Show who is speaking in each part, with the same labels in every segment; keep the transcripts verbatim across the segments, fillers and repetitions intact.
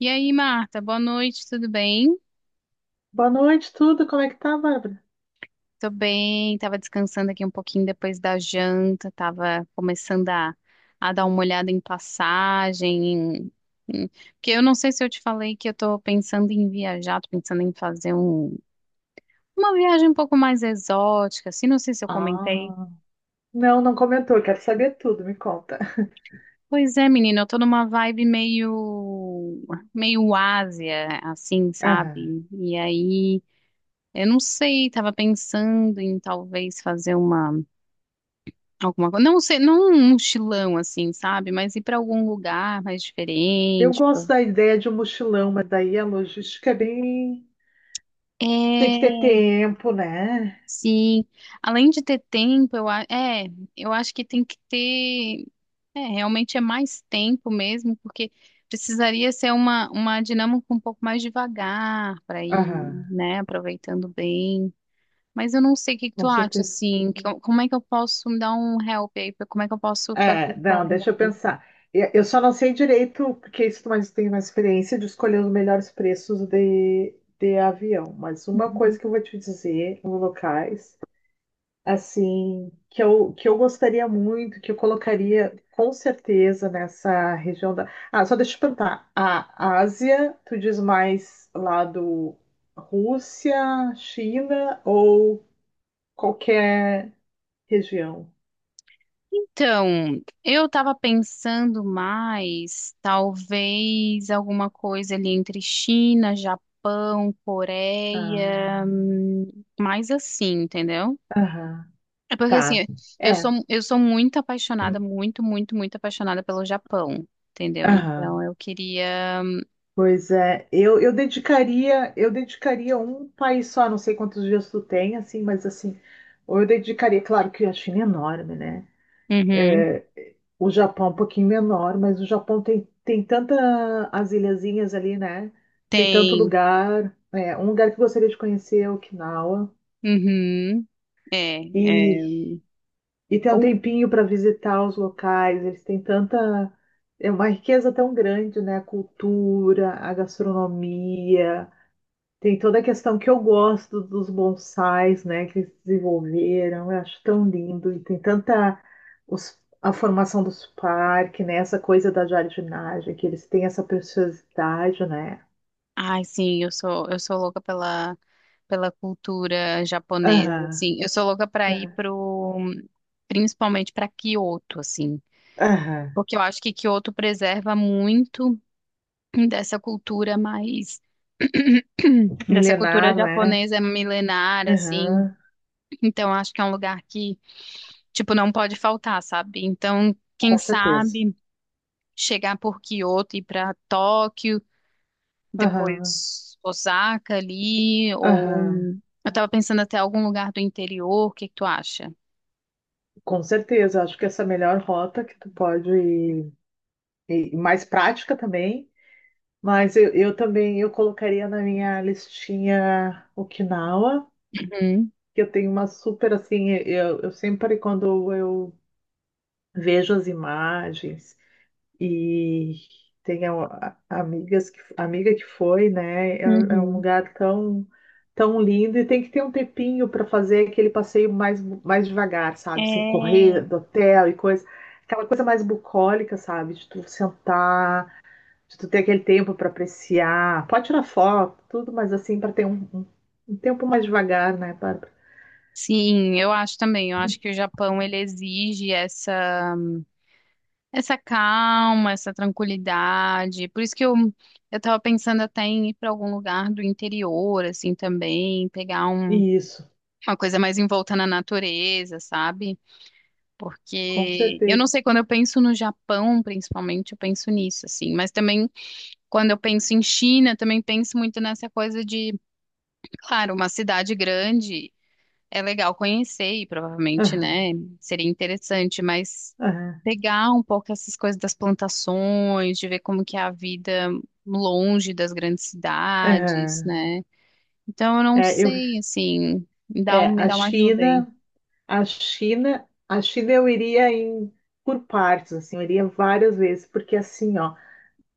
Speaker 1: E aí, Marta, boa noite, tudo bem?
Speaker 2: Boa noite, tudo. Como é que tá, Bárbara?
Speaker 1: Tô bem, tava descansando aqui um pouquinho depois da janta, tava começando a, a dar uma olhada em passagem, em- em- porque eu não sei se eu te falei que eu tô pensando em viajar, tô pensando em fazer um, uma viagem um pouco mais exótica, assim, não sei se eu comentei.
Speaker 2: Ah, não, não comentou. Quero saber tudo, me conta.
Speaker 1: Pois é, menina, eu tô numa vibe meio, meio Ásia, assim,
Speaker 2: Aham.
Speaker 1: sabe? E aí, eu não sei, tava pensando em talvez fazer uma alguma coisa. Não sei, não um mochilão assim, sabe? Mas ir para algum lugar mais
Speaker 2: Eu
Speaker 1: diferente. pra-
Speaker 2: gosto da ideia de um mochilão, mas daí a logística é bem. Tem que ter
Speaker 1: É,
Speaker 2: tempo, né?
Speaker 1: sim. Além de ter tempo, eu, a- é, eu acho que tem que ter. É, realmente é mais tempo mesmo, porque precisaria ser uma, uma dinâmica um pouco mais devagar para ir,
Speaker 2: Aham,
Speaker 1: né? Aproveitando bem. Mas eu não sei o que que tu
Speaker 2: com
Speaker 1: acha,
Speaker 2: certeza.
Speaker 1: assim. Que- como é que eu posso me dar um help aí? pra- Como é que eu posso fazer
Speaker 2: É, não,
Speaker 1: planejar?
Speaker 2: deixa eu pensar. Eu eu só não sei direito, porque isso mais tem uma experiência de escolher os melhores preços de, de avião. Mas uma coisa que eu vou te dizer, os locais. Assim, que eu, que eu gostaria muito, que eu colocaria com certeza nessa região da. Ah, só deixa eu te perguntar. A Ásia, tu diz mais lá do Rússia, China ou qualquer região?
Speaker 1: Então, eu estava pensando mais, talvez alguma coisa ali entre China, Japão, Coreia,
Speaker 2: Ah,
Speaker 1: hum, mais assim, entendeu?
Speaker 2: aham,
Speaker 1: É porque
Speaker 2: tá.
Speaker 1: assim, eu sou
Speaker 2: É,
Speaker 1: eu sou muito apaixonada, muito, muito, muito apaixonada pelo Japão, entendeu? Então,
Speaker 2: aham.
Speaker 1: eu queria,
Speaker 2: Pois é, eu, eu dedicaria, eu dedicaria um país só, não sei quantos dias tu tem, assim, mas assim, ou eu dedicaria, claro que a China é enorme, né?
Speaker 1: uhum,
Speaker 2: É, o Japão é um pouquinho menor, mas o Japão tem, tem tanta as ilhazinhas ali, né? Tem tanto
Speaker 1: tem,
Speaker 2: lugar. É, um lugar que eu gostaria de conhecer é Okinawa.
Speaker 1: uhum, é, é.
Speaker 2: E, e tem um tempinho para visitar os locais. Eles têm tanta. É uma riqueza tão grande, né? A cultura, a gastronomia. Tem toda a questão que eu gosto dos bonsais, né, que eles desenvolveram, eu acho tão lindo, e tem tanta os- a formação dos parques, né, essa coisa da jardinagem, que eles têm essa preciosidade, né?
Speaker 1: Ai, sim, eu sou, eu sou louca pela, pela cultura japonesa,
Speaker 2: Aham,
Speaker 1: assim. Eu sou louca para ir
Speaker 2: é,
Speaker 1: pro, principalmente para Kyoto, assim,
Speaker 2: aham.
Speaker 1: porque eu acho que Kyoto preserva muito dessa cultura mais dessa cultura
Speaker 2: Milenar, né?
Speaker 1: japonesa milenar, assim.
Speaker 2: Aham,
Speaker 1: Então, eu acho que é um lugar que, tipo, não pode faltar, sabe? Então, quem
Speaker 2: com certeza.
Speaker 1: sabe chegar por Kyoto e ir para Tóquio
Speaker 2: Aham,
Speaker 1: depois Osaka ali,
Speaker 2: aham,
Speaker 1: ou eu tava pensando até algum lugar do interior, o que que tu acha?
Speaker 2: com certeza. Acho que essa é a melhor rota que tu pode ir, e mais prática também. Mas eu, eu também eu colocaria na minha listinha Okinawa,
Speaker 1: Uhum,
Speaker 2: que eu tenho uma super assim, eu, eu sempre quando eu vejo as imagens e tenho a- a- amigas que, amiga que foi, né? É, é um
Speaker 1: uhum.
Speaker 2: lugar tão tão lindo e tem que ter um tempinho para fazer aquele passeio mais mais devagar, sabe? Sem
Speaker 1: É,
Speaker 2: correr do hotel e coisa, aquela coisa mais bucólica, sabe? De tu sentar de tu ter aquele tempo para apreciar. Pode tirar foto, tudo, mas assim, para ter um, um, um, tempo mais devagar, né, Bárbara?
Speaker 1: sim, eu acho também. Eu acho que o Japão ele exige essa essa calma, essa tranquilidade. Por isso que eu eu tava pensando até em ir para algum lugar do interior assim também, pegar um,
Speaker 2: Isso,
Speaker 1: uma coisa mais envolta na natureza, sabe?
Speaker 2: com
Speaker 1: Porque eu não
Speaker 2: certeza.
Speaker 1: sei quando eu penso no Japão, principalmente, eu penso nisso assim, mas também quando eu penso em China, também penso muito nessa coisa de, claro, uma cidade grande é legal conhecer e provavelmente,
Speaker 2: Aham,
Speaker 1: né, seria interessante, mas
Speaker 2: aham,
Speaker 1: pegar um pouco essas coisas das plantações, de ver como que é a vida longe das grandes cidades,
Speaker 2: aham.
Speaker 1: né? Então eu não
Speaker 2: É, eu,
Speaker 1: sei, assim, me dá
Speaker 2: é,
Speaker 1: um, me
Speaker 2: a
Speaker 1: dá uma ajuda aí.
Speaker 2: China, a China, a China eu iria em, por partes, assim, eu iria várias vezes, porque assim, ó,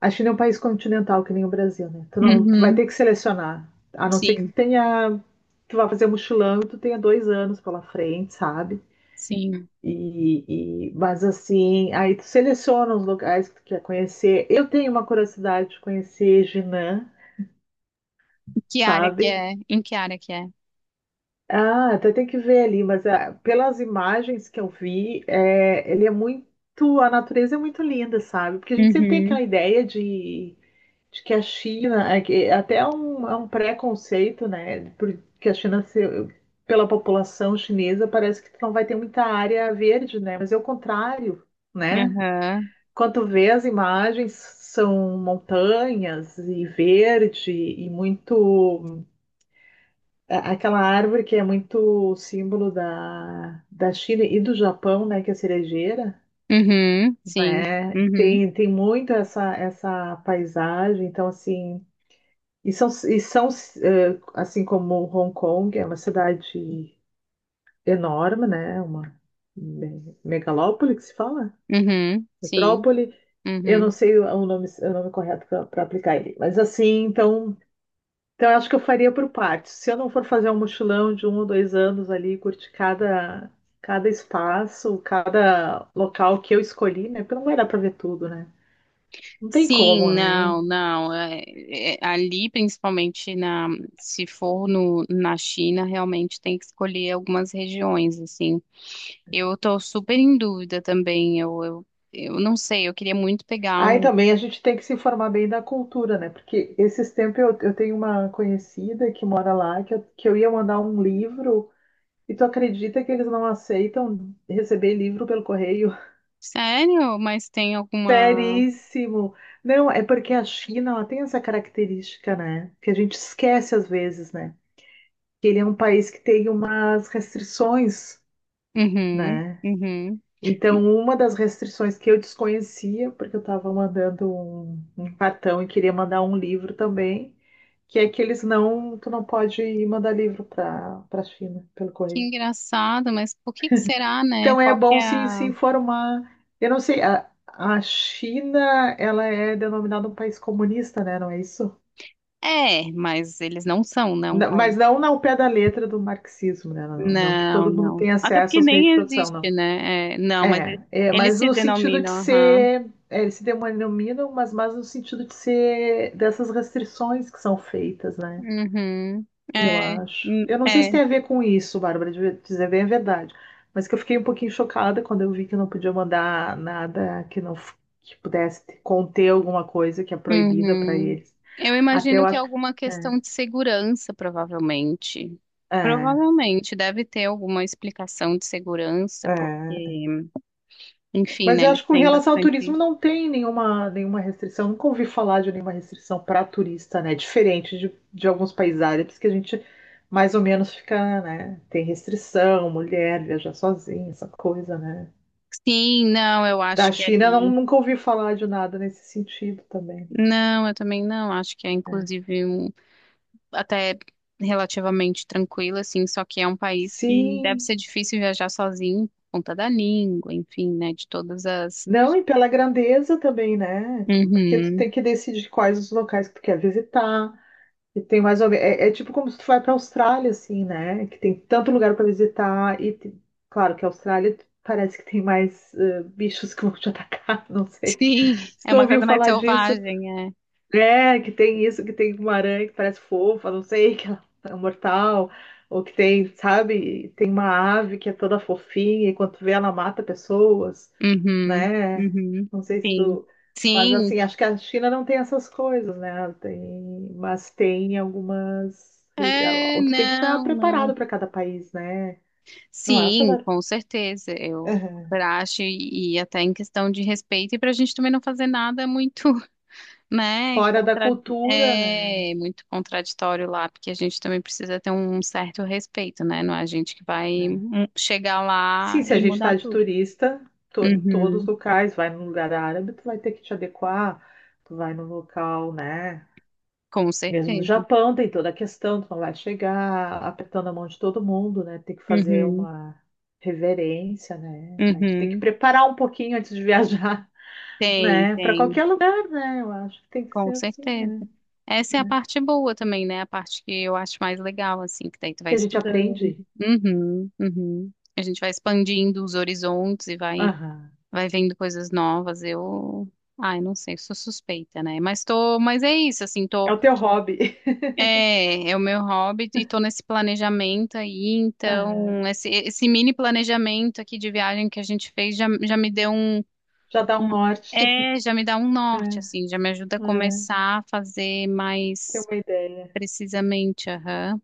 Speaker 2: a China é um país continental que nem o Brasil, né? Tu não, tu vai
Speaker 1: Uhum,
Speaker 2: ter que selecionar, a não ser que tu
Speaker 1: sim,
Speaker 2: tenha, tu vá fazer mochilão e tu tenha dois anos pela frente, sabe?
Speaker 1: sim.
Speaker 2: E, e- mas assim, aí tu seleciona os locais que tu quer conhecer. Eu tenho uma curiosidade de conhecer Jinan,
Speaker 1: Em Que área que
Speaker 2: sabe?
Speaker 1: é? Em que área que é?
Speaker 2: Ah, até tem que ver ali, mas ah, pelas imagens que eu vi, é, ele é muito, a natureza é muito linda, sabe? Porque a gente sempre tem
Speaker 1: Uhum,
Speaker 2: aquela ideia de, de que a China, é que- até é um, é um preconceito, né? Porque a China, se- pela população chinesa, parece que tu não vai ter muita área verde, né? Mas é o contrário, né?
Speaker 1: aham,
Speaker 2: Quando vê as imagens, são montanhas e verde e muito. a- Aquela árvore que é muito símbolo da, da China e do Japão, né? Que é a cerejeira,
Speaker 1: uhum, sim,
Speaker 2: né?
Speaker 1: uhum.
Speaker 2: Tem, tem muito essa, essa paisagem. Então, assim. E são, e são eh, assim como Hong Kong, é uma cidade enorme, né? Uma me- megalópole que se fala?
Speaker 1: Uhum, sim,
Speaker 2: Metrópole. Eu não
Speaker 1: uhum.
Speaker 2: sei o nome, o nome correto para aplicar ele. Mas assim, então, então eu acho que eu faria por partes. Se eu não for fazer um mochilão de um ou dois anos ali, curtir cada, cada espaço, cada local que eu escolhi, né? Porque não vai dar para ver tudo, né? Não tem como,
Speaker 1: Sim,
Speaker 2: né?
Speaker 1: não, não. É- é- ali, principalmente na, se for no, na China, realmente tem que escolher algumas regiões, assim. Eu tô super em dúvida também. Eu, eu, eu não sei, eu queria muito pegar
Speaker 2: Aí
Speaker 1: um.
Speaker 2: também a gente tem que se informar bem da cultura, né? Porque esses tempos eu, eu tenho uma conhecida que mora lá, que eu, que eu ia mandar um livro, e tu acredita que eles não aceitam receber livro pelo correio?
Speaker 1: Sério? Mas tem alguma.
Speaker 2: Seríssimo. Não, é porque a China, ela tem essa característica, né? Que a gente esquece às vezes, né? Que ele é um país que tem umas restrições,
Speaker 1: Uhum,
Speaker 2: né?
Speaker 1: uhum.
Speaker 2: Então, uma das restrições que eu desconhecia, porque eu estava mandando um, um cartão e queria mandar um livro também, que é que eles não, tu não pode mandar livro para para China pelo
Speaker 1: Que
Speaker 2: correio.
Speaker 1: engraçado, mas por que que será, né?
Speaker 2: Então, é
Speaker 1: Qual que
Speaker 2: bom
Speaker 1: é
Speaker 2: se, se
Speaker 1: a...
Speaker 2: informar. Eu não sei, a, a China, ela é denominada um país comunista, né? Não é isso?
Speaker 1: É, mas eles não são, né, um
Speaker 2: Não,
Speaker 1: país
Speaker 2: mas não ao pé da letra do marxismo, né? Não, não que
Speaker 1: não,
Speaker 2: todo mundo
Speaker 1: não.
Speaker 2: tenha
Speaker 1: Até
Speaker 2: acesso
Speaker 1: porque
Speaker 2: aos meios
Speaker 1: nem
Speaker 2: de produção, não.
Speaker 1: existe, né? É, não, mas
Speaker 2: É,
Speaker 1: eles,
Speaker 2: é,
Speaker 1: eles
Speaker 2: mas
Speaker 1: se
Speaker 2: no sentido de
Speaker 1: denominam, aham.
Speaker 2: ser, é, eles se denominam, mas, mas no sentido de ser dessas restrições que são feitas, né?
Speaker 1: Uhum.
Speaker 2: Eu
Speaker 1: É,
Speaker 2: acho.
Speaker 1: hum,
Speaker 2: Eu não sei
Speaker 1: é,
Speaker 2: se tem a ver com isso, Bárbara, de dizer bem a verdade, mas que eu fiquei um pouquinho chocada quando eu vi que não podia mandar nada que não f- que pudesse conter alguma coisa que é proibida para
Speaker 1: uhum.
Speaker 2: eles.
Speaker 1: Eu
Speaker 2: Até eu
Speaker 1: imagino que é
Speaker 2: acho que.
Speaker 1: alguma questão de segurança, provavelmente.
Speaker 2: É,
Speaker 1: Provavelmente deve ter alguma explicação de segurança,
Speaker 2: é. É.
Speaker 1: porque, enfim,
Speaker 2: Mas
Speaker 1: né,
Speaker 2: eu
Speaker 1: eles
Speaker 2: acho que com
Speaker 1: têm
Speaker 2: relação ao
Speaker 1: bastante.
Speaker 2: turismo não tem nenhuma, nenhuma restrição. Nunca ouvi falar de nenhuma restrição para turista, né? Diferente de, de alguns países árabes que a gente mais ou menos fica, né? Tem restrição, mulher viajar sozinha, essa coisa, né?
Speaker 1: Sim, não, eu acho
Speaker 2: Da
Speaker 1: que é
Speaker 2: China, não,
Speaker 1: ali.
Speaker 2: nunca ouvi falar de nada nesse sentido também.
Speaker 1: Não, eu também não. Acho que é
Speaker 2: Né?
Speaker 1: inclusive um. Até relativamente tranquila, assim, só que é um país que deve
Speaker 2: Sim.
Speaker 1: ser difícil viajar sozinho por conta da língua, enfim, né, de todas as...
Speaker 2: Não, e pela grandeza também, né? Porque tu
Speaker 1: Uhum.
Speaker 2: tem que decidir quais os locais que tu quer visitar. E tem mais ou menos, é, é tipo como se tu vai para a Austrália, assim, né? Que tem tanto lugar para visitar e, te- claro, que a Austrália parece que tem mais eh, bichos que vão te atacar, não sei.
Speaker 1: Sim,
Speaker 2: Se
Speaker 1: é
Speaker 2: tu
Speaker 1: uma
Speaker 2: ouviu
Speaker 1: coisa mais
Speaker 2: falar disso,
Speaker 1: selvagem, é.
Speaker 2: é, que tem isso, que tem uma aranha que parece fofa, não sei, que ela é mortal, ou que tem, sabe, tem uma ave que é toda fofinha e quando tu vê ela mata pessoas
Speaker 1: Uhum,
Speaker 2: né?
Speaker 1: uhum,
Speaker 2: Não sei se
Speaker 1: sim,
Speaker 2: tu. Mas
Speaker 1: sim,
Speaker 2: assim, acho que a China não tem essas coisas, né? Tem... Mas tem algumas.
Speaker 1: é,
Speaker 2: O Tu tem que estar
Speaker 1: não, não,
Speaker 2: preparado para cada país, né? Não acha,
Speaker 1: sim,
Speaker 2: Bárbara?
Speaker 1: com certeza, eu
Speaker 2: Aham.
Speaker 1: super acho, e, e até em questão de respeito, e pra gente também não fazer nada muito. Né?
Speaker 2: Fora da
Speaker 1: Contra...
Speaker 2: cultura, né?
Speaker 1: É muito contraditório lá, porque a gente também precisa ter um certo respeito, né? Não é a gente que vai
Speaker 2: É.
Speaker 1: hum, chegar lá
Speaker 2: Sim, se a
Speaker 1: e
Speaker 2: gente está
Speaker 1: mudar
Speaker 2: de
Speaker 1: tudo.
Speaker 2: turista, to- em todos os
Speaker 1: Uhum,
Speaker 2: locais, vai num lugar árabe, tu vai ter que te adequar, tu vai num local, né?
Speaker 1: com
Speaker 2: Mesmo no
Speaker 1: certeza.
Speaker 2: Japão, tem toda a questão, tu não vai chegar apertando a mão de todo mundo, né? Tem que fazer
Speaker 1: Uhum,
Speaker 2: uma reverência, né? Aí tu tem que
Speaker 1: uhum.
Speaker 2: preparar um pouquinho antes de viajar,
Speaker 1: Tem,
Speaker 2: né? Para
Speaker 1: tem,
Speaker 2: qualquer lugar, né? Eu acho que tem que
Speaker 1: com
Speaker 2: ser assim,
Speaker 1: certeza.
Speaker 2: né?
Speaker 1: Essa é a parte boa também, né? A parte que eu acho mais legal, assim, que daí tu vai
Speaker 2: Que a gente
Speaker 1: estudando.
Speaker 2: aprende.
Speaker 1: Uhum, uhum. A gente vai expandindo os horizontes e vai
Speaker 2: Aham.
Speaker 1: vai vendo coisas novas. Eu, ai, não sei, sou suspeita, né? Mas tô, mas é isso, assim,
Speaker 2: É
Speaker 1: tô,
Speaker 2: o teu hobby.
Speaker 1: é, é o meu hobby e tô nesse planejamento aí,
Speaker 2: Aham.
Speaker 1: então esse, esse mini planejamento aqui de viagem que a gente fez já, já me deu um,
Speaker 2: Já dá um
Speaker 1: um-
Speaker 2: norte.
Speaker 1: é, já me dá um
Speaker 2: É,
Speaker 1: norte, assim, já me ajuda a
Speaker 2: é.
Speaker 1: começar a fazer
Speaker 2: Tem
Speaker 1: mais
Speaker 2: uma ideia.
Speaker 1: precisamente, aham.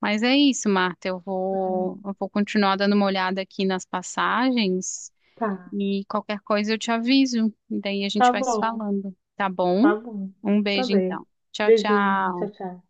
Speaker 1: Mas é isso, Marta. Eu vou, eu vou continuar dando uma olhada aqui nas passagens.
Speaker 2: Tá.
Speaker 1: E qualquer coisa eu te aviso. E daí a gente
Speaker 2: Tá
Speaker 1: vai se
Speaker 2: bom.
Speaker 1: falando. Tá bom?
Speaker 2: Tá bom.
Speaker 1: Um
Speaker 2: Tá
Speaker 1: beijo
Speaker 2: bem.
Speaker 1: então. Tchau,
Speaker 2: Beijinho.
Speaker 1: tchau.
Speaker 2: Tchau, tchau.